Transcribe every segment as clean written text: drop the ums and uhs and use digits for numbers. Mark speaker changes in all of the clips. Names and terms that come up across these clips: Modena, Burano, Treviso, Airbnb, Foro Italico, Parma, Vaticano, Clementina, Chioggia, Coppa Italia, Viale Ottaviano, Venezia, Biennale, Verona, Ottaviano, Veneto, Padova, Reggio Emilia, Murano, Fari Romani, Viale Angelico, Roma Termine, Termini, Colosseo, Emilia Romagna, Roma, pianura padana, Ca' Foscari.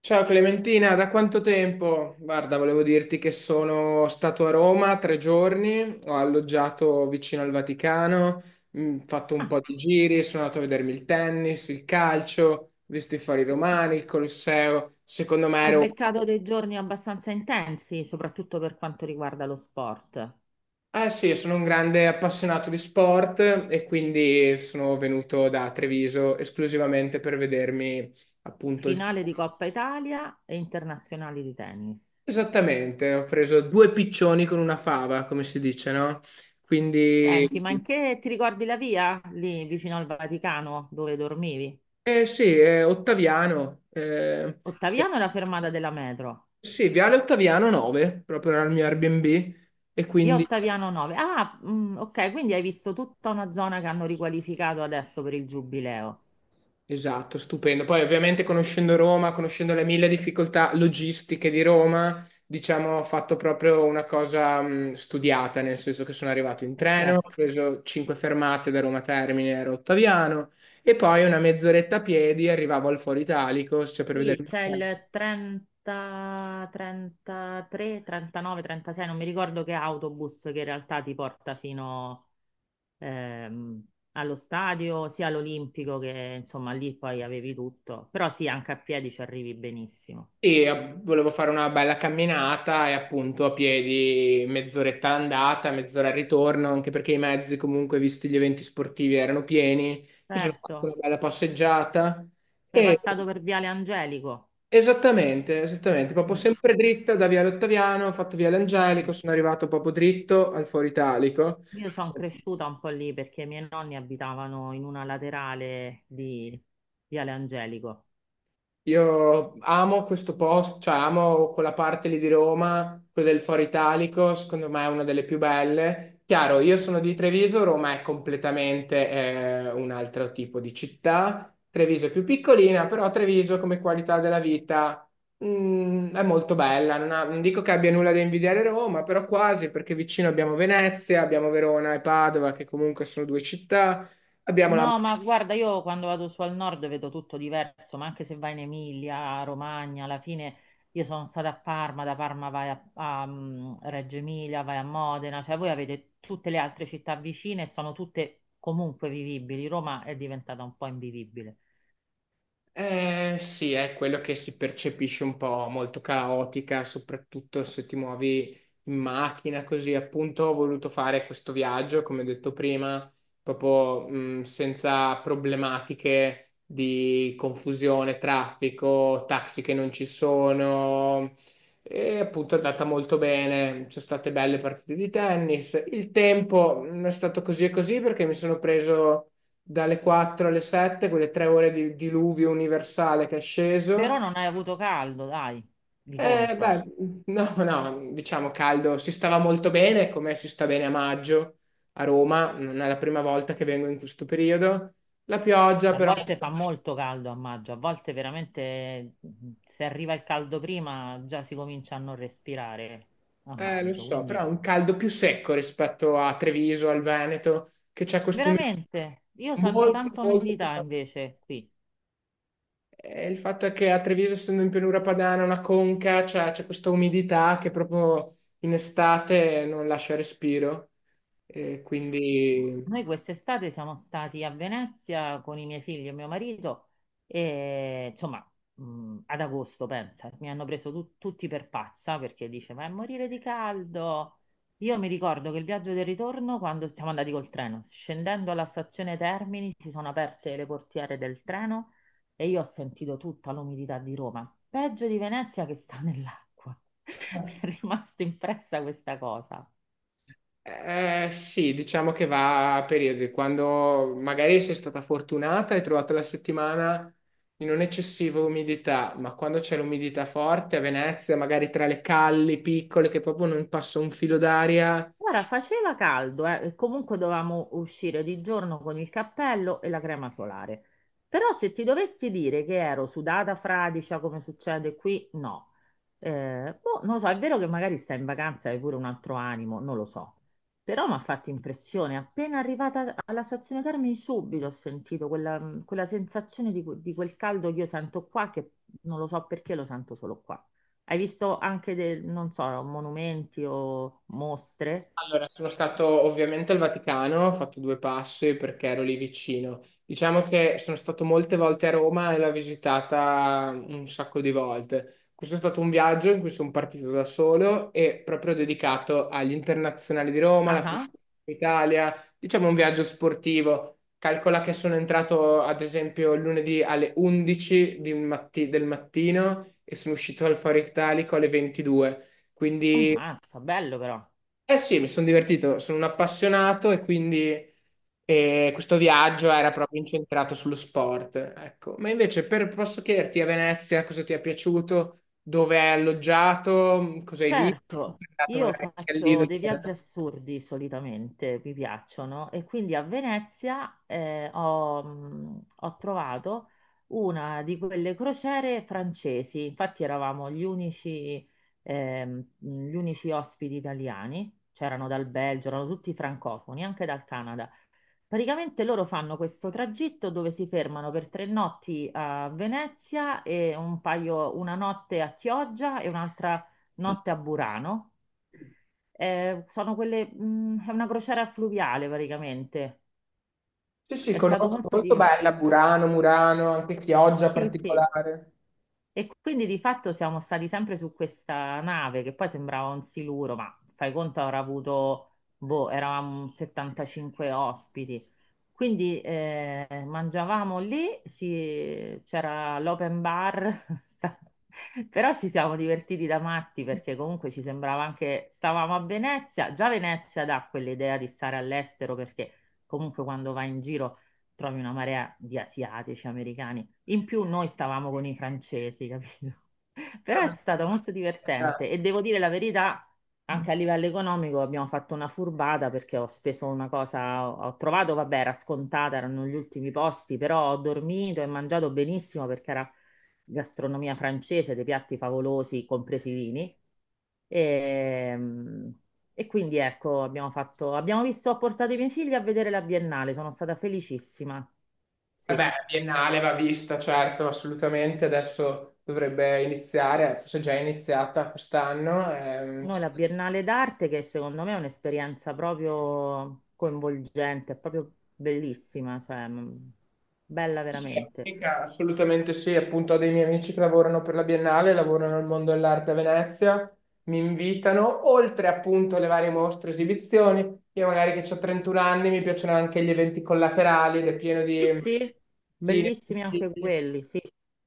Speaker 1: Ciao Clementina, da quanto tempo? Guarda, volevo dirti che sono stato a Roma 3 giorni, ho alloggiato vicino al Vaticano, fatto un
Speaker 2: Ah,
Speaker 1: po' di giri, sono andato a vedermi il tennis, il calcio, ho visto i Fari Romani, il Colosseo. Secondo me
Speaker 2: hai
Speaker 1: ero...
Speaker 2: beccato dei giorni abbastanza intensi, soprattutto per quanto riguarda lo sport.
Speaker 1: Eh sì, sono un grande appassionato di sport e quindi sono venuto da Treviso esclusivamente per vedermi appunto il
Speaker 2: Finale di
Speaker 1: tennis.
Speaker 2: Coppa Italia e internazionali di tennis.
Speaker 1: Esattamente, ho preso due piccioni con una fava, come si dice, no? Quindi,
Speaker 2: Senti, ma in che ti ricordi la via lì vicino al Vaticano dove dormivi?
Speaker 1: sì, è Ottaviano,
Speaker 2: Ottaviano è la fermata della metro,
Speaker 1: sì, Viale Ottaviano 9, proprio era il mio Airbnb, e
Speaker 2: via
Speaker 1: quindi
Speaker 2: Ottaviano 9. Ah, mm, ok, quindi hai visto tutta una zona che hanno riqualificato adesso per il giubileo.
Speaker 1: esatto, stupendo. Poi ovviamente conoscendo Roma, conoscendo le mille difficoltà logistiche di Roma, diciamo, ho fatto proprio una cosa studiata, nel senso che sono arrivato in
Speaker 2: E
Speaker 1: treno, ho
Speaker 2: certo.
Speaker 1: preso cinque fermate da Roma Termine, ero Ottaviano, e poi una mezz'oretta a piedi arrivavo al Foro Italico, cioè per
Speaker 2: Sì,
Speaker 1: vedere...
Speaker 2: c'è il 30, 33, 39, 36, non mi ricordo che autobus che in realtà ti porta fino ehm, allo stadio, sia all'Olimpico che insomma lì poi avevi tutto. Però sì, anche a piedi ci arrivi benissimo.
Speaker 1: Sì, volevo fare una bella camminata e appunto a piedi mezz'oretta andata, mezz'ora al ritorno, anche perché i mezzi comunque, visti gli eventi sportivi, erano pieni. Mi sono fatto una
Speaker 2: Certo,
Speaker 1: bella passeggiata
Speaker 2: sei
Speaker 1: e
Speaker 2: passato per Viale Angelico.
Speaker 1: esattamente, proprio
Speaker 2: Mm.
Speaker 1: sempre dritta da Viale Ottaviano, ho fatto Viale Angelico,
Speaker 2: Mm.
Speaker 1: sono arrivato proprio dritto al Foro Italico.
Speaker 2: Io sono cresciuta un po' lì perché i miei nonni abitavano in una laterale di Viale Angelico.
Speaker 1: Io amo questo posto, cioè amo quella parte lì di Roma, quella del Foro Italico, secondo me è una delle più belle. Chiaro, io sono di Treviso, Roma è completamente un altro tipo di città. Treviso è più piccolina, però Treviso come qualità della vita è molto bella. Non dico che abbia nulla da invidiare Roma, però quasi, perché vicino abbiamo Venezia, abbiamo Verona e Padova, che comunque sono due città. Abbiamo la
Speaker 2: No, ma guarda, io quando vado su al nord vedo tutto diverso, ma anche se vai in Emilia, Romagna, alla fine io sono stata a Parma, da Parma vai a, a, Reggio Emilia, vai a Modena, cioè voi avete tutte le altre città vicine e sono tutte comunque vivibili. Roma è diventata un po' invivibile,
Speaker 1: eh, sì, è quello che si percepisce un po' molto caotica, soprattutto se ti muovi in macchina, così appunto ho voluto fare questo viaggio, come ho detto prima, proprio senza problematiche di confusione, traffico, taxi che non ci sono e appunto è andata molto bene, ci sono state belle partite di tennis, il tempo è stato così e così perché mi sono preso dalle 4 alle 7, quelle 3 ore di diluvio universale che è sceso.
Speaker 2: però non hai avuto caldo, dai, di
Speaker 1: E
Speaker 2: contro.
Speaker 1: beh, no, no, diciamo caldo, si stava molto bene, come si sta bene a maggio a Roma, non è la prima volta che vengo in questo periodo. La pioggia
Speaker 2: A
Speaker 1: però,
Speaker 2: volte fa molto caldo a maggio, a volte veramente se arriva il caldo prima già si comincia a non respirare a
Speaker 1: lo
Speaker 2: maggio,
Speaker 1: so, però
Speaker 2: quindi...
Speaker 1: è un caldo più secco rispetto a Treviso, al Veneto, che c'è questo umidità
Speaker 2: Veramente, io sento
Speaker 1: molto,
Speaker 2: tanto
Speaker 1: molto più
Speaker 2: umidità
Speaker 1: forte.
Speaker 2: invece qui.
Speaker 1: Il fatto è che a Treviso, essendo in pianura padana, una conca, cioè, c'è questa umidità che proprio in estate non lascia respiro. E quindi
Speaker 2: Noi quest'estate siamo stati a Venezia con i miei figli e mio marito e insomma ad agosto, pensa, mi hanno preso tutti per pazza perché dice ma è morire di caldo. Io mi ricordo che il viaggio del ritorno, quando siamo andati col treno, scendendo alla stazione Termini, si sono aperte le portiere del treno e io ho sentito tutta l'umidità di Roma. Peggio di Venezia che sta nell'acqua. Mi è rimasta impressa questa cosa.
Speaker 1: sì, diciamo che va a periodi. Quando magari sei stata fortunata e hai trovato la settimana di non eccessiva umidità, ma quando c'è l'umidità forte a Venezia, magari tra le calli piccole che proprio non passa un filo d'aria,
Speaker 2: Guarda, faceva caldo, e comunque dovevamo uscire di giorno con il cappello e la crema solare. Però se ti dovessi dire che ero sudata fradicia come succede qui, no. Boh, non lo so, è vero che magari stai in vacanza e hai pure un altro animo, non lo so. Però mi ha fatto impressione, appena arrivata alla stazione Termini subito ho sentito quella, quella sensazione di, di quel caldo che io sento qua, che non lo so perché lo sento solo qua. Hai visto anche, non so, monumenti o mostre?
Speaker 1: allora, sono stato ovviamente al Vaticano, ho fatto due passi perché ero lì vicino. Diciamo che sono stato molte volte a Roma e l'ho visitata un sacco di volte. Questo è stato un viaggio in cui sono partito da solo e proprio dedicato agli internazionali di Roma, alla Fiorentina
Speaker 2: Ah,
Speaker 1: d'Italia, diciamo un viaggio sportivo. Calcola che sono entrato ad esempio lunedì alle 11 di del mattino e sono uscito al Foro Italico alle 22. Quindi
Speaker 2: ammazza, bello però.
Speaker 1: eh sì, mi sono divertito, sono un appassionato e quindi questo viaggio era proprio incentrato sullo sport, ecco. Ma invece posso chiederti a Venezia cosa ti è piaciuto, dove hai alloggiato, cosa hai visto,
Speaker 2: Certo,
Speaker 1: sei andato
Speaker 2: io
Speaker 1: magari anche all'Isola
Speaker 2: faccio
Speaker 1: di
Speaker 2: dei viaggi
Speaker 1: Venezia?
Speaker 2: assurdi solitamente, mi piacciono, e quindi a Venezia ho trovato una di quelle crociere francesi, infatti eravamo gli unici ospiti italiani, c'erano dal Belgio, erano tutti francofoni, anche dal Canada. Praticamente loro fanno questo tragitto dove si fermano per tre notti a Venezia e un paio, una notte a Chioggia e un'altra notte a Burano. Sono quelle, è una crociera fluviale praticamente.
Speaker 1: Sì, sì,
Speaker 2: È stato
Speaker 1: conosco,
Speaker 2: molto
Speaker 1: molto
Speaker 2: divertente.
Speaker 1: bella, Burano, Murano, anche Chioggia
Speaker 2: Sì, sì.
Speaker 1: particolare.
Speaker 2: E quindi di fatto siamo stati sempre su questa nave che poi sembrava un siluro, ma fai conto avrà avuto, boh, eravamo 75 ospiti. Quindi mangiavamo lì, c'era l'open bar, sta- però ci siamo divertiti da matti perché comunque ci sembrava anche, stavamo a Venezia, già Venezia dà quell'idea di stare all'estero perché comunque quando vai in giro trovi una marea di asiatici, americani, in più noi stavamo con i francesi, capito? Però è stato molto divertente e devo dire la verità. Anche a livello economico abbiamo fatto una furbata perché ho speso una cosa, ho trovato, vabbè, era scontata, erano gli ultimi posti, però ho dormito e mangiato benissimo perché era gastronomia francese, dei piatti favolosi, compresi i vini. E, e quindi ecco, abbiamo fatto, abbiamo visto, ho portato i miei figli a vedere la Biennale, sono stata felicissima. Sì.
Speaker 1: Vabbè, Biennale va vista, certo, assolutamente. Adesso dovrebbe iniziare, forse è già iniziata quest'anno.
Speaker 2: Noi la Biennale d'arte, che secondo me è un'esperienza proprio coinvolgente, è proprio bellissima, cioè bella veramente.
Speaker 1: Sì, assolutamente sì, appunto ho dei miei amici che lavorano per la Biennale, lavorano nel mondo dell'arte a Venezia, mi invitano, oltre appunto alle varie mostre, e esibizioni. Io magari che ho 31 anni mi piacciono anche gli eventi collaterali ed è pieno
Speaker 2: Sì,
Speaker 1: di...
Speaker 2: sì, bellissimi anche
Speaker 1: di-
Speaker 2: quelli, sì.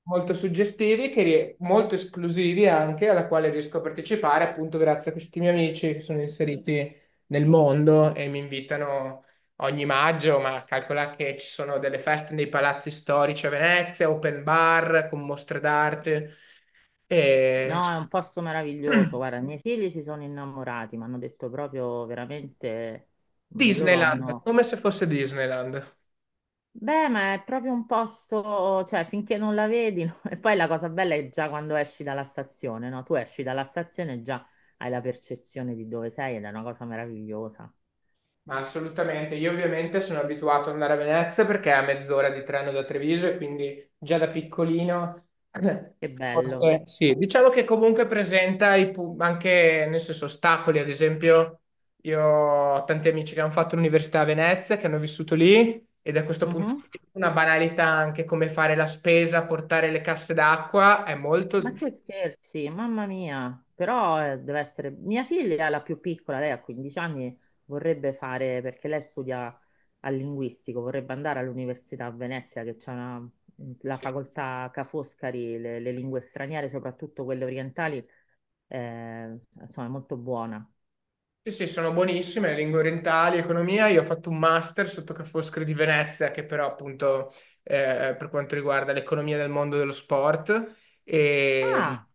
Speaker 1: molto suggestivi, che molto esclusivi anche, alla quale riesco a partecipare appunto grazie a questi miei amici che sono inseriti nel mondo e mi invitano ogni maggio, ma calcola che ci sono delle feste nei palazzi storici a Venezia, open bar con mostre d'arte e
Speaker 2: No, è un posto meraviglioso. Guarda, i miei figli si sono innamorati, mi hanno detto proprio veramente, loro
Speaker 1: Disneyland,
Speaker 2: hanno,
Speaker 1: come se fosse Disneyland.
Speaker 2: beh, ma è proprio un posto, cioè finché non la vedi, no? E poi la cosa bella è già quando esci dalla stazione, no? Tu esci dalla stazione e già hai la percezione di dove sei ed è una cosa meravigliosa.
Speaker 1: Ma assolutamente, io ovviamente sono abituato ad andare a Venezia perché è a mezz'ora di treno da Treviso e quindi già da piccolino,
Speaker 2: Che bello.
Speaker 1: forse sì, diciamo che comunque presenta i anche, nel senso, ostacoli, ad esempio io ho tanti amici che hanno fatto l'università a Venezia, che hanno vissuto lì e da questo punto
Speaker 2: Mhm.
Speaker 1: di vista una banalità anche come fare la spesa, portare le casse d'acqua è
Speaker 2: Ma
Speaker 1: molto...
Speaker 2: che scherzi, mamma mia. Però deve essere... Mia figlia, la più piccola, lei ha 15 anni, vorrebbe fare, perché lei studia al linguistico, vorrebbe andare all'università a Venezia, che c'è una- la
Speaker 1: Sì.
Speaker 2: facoltà Ca' Foscari, le lingue straniere, soprattutto quelle orientali insomma, è molto buona.
Speaker 1: Sì, sì, sono buonissime, le lingue orientali, economia. Io ho fatto un master sotto Ca' Foscari di Venezia, che però appunto per quanto riguarda l'economia del mondo dello sport. E
Speaker 2: Ah,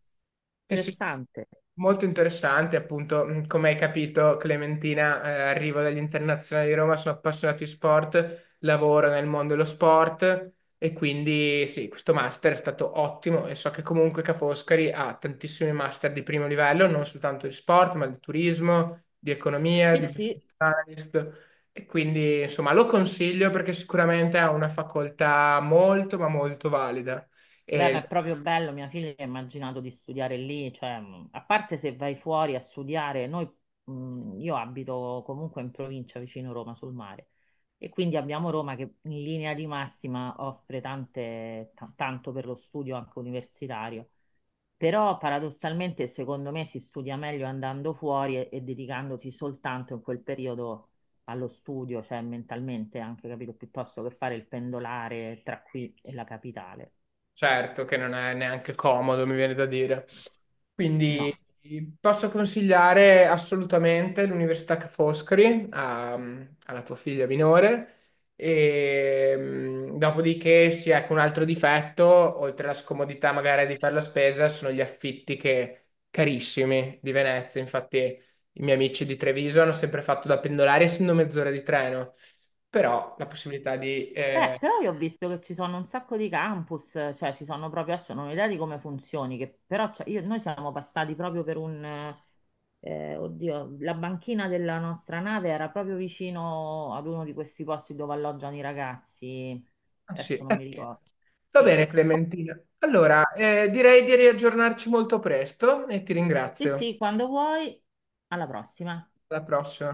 Speaker 1: sì, sì,
Speaker 2: interessante.
Speaker 1: molto interessante, appunto, come hai capito, Clementina, arrivo dagli internazionali di Roma, sono appassionato di sport, lavoro nel mondo dello sport e quindi sì, questo master è stato ottimo e so che comunque Ca' Foscari ha tantissimi master di primo livello, non soltanto di sport, ma di turismo di economia,
Speaker 2: Sì,
Speaker 1: di business
Speaker 2: sì,
Speaker 1: analyst e quindi insomma lo consiglio perché sicuramente ha una facoltà molto, ma molto valida
Speaker 2: beh, ma è
Speaker 1: e
Speaker 2: proprio bello. Mia figlia ha immaginato di studiare lì, cioè, a parte se vai fuori a studiare, noi, io abito comunque in provincia vicino Roma sul mare e quindi abbiamo Roma che in linea di massima offre tante, tanto per lo studio anche universitario. Però paradossalmente secondo me si studia meglio andando fuori e dedicandosi soltanto in quel periodo allo studio, cioè mentalmente anche, capito, piuttosto che fare il pendolare tra qui e la capitale.
Speaker 1: certo che non è neanche comodo, mi viene da dire.
Speaker 2: No.
Speaker 1: Quindi posso consigliare assolutamente l'Università Ca' Foscari alla tua figlia minore. E, dopodiché sì, ecco un altro difetto, oltre alla scomodità magari di fare la spesa, sono gli affitti che, carissimi di Venezia. Infatti i miei amici di Treviso hanno sempre fatto da pendolari, essendo mezz'ora di treno, però la possibilità di
Speaker 2: Beh, però io ho visto che ci sono un sacco di campus, cioè ci sono proprio, adesso non ho idea di come funzioni, che, però noi siamo passati proprio per un, oddio, la banchina della nostra nave era proprio vicino ad uno di questi posti dove alloggiano i ragazzi.
Speaker 1: ah, sì,
Speaker 2: Adesso non
Speaker 1: è
Speaker 2: mi
Speaker 1: pieno.
Speaker 2: ricordo.
Speaker 1: Va
Speaker 2: Sì,
Speaker 1: bene, Clementina.
Speaker 2: sì,
Speaker 1: Allora, direi di riaggiornarci molto presto e ti
Speaker 2: sì,
Speaker 1: ringrazio.
Speaker 2: sì, quando vuoi, alla prossima.
Speaker 1: Alla prossima.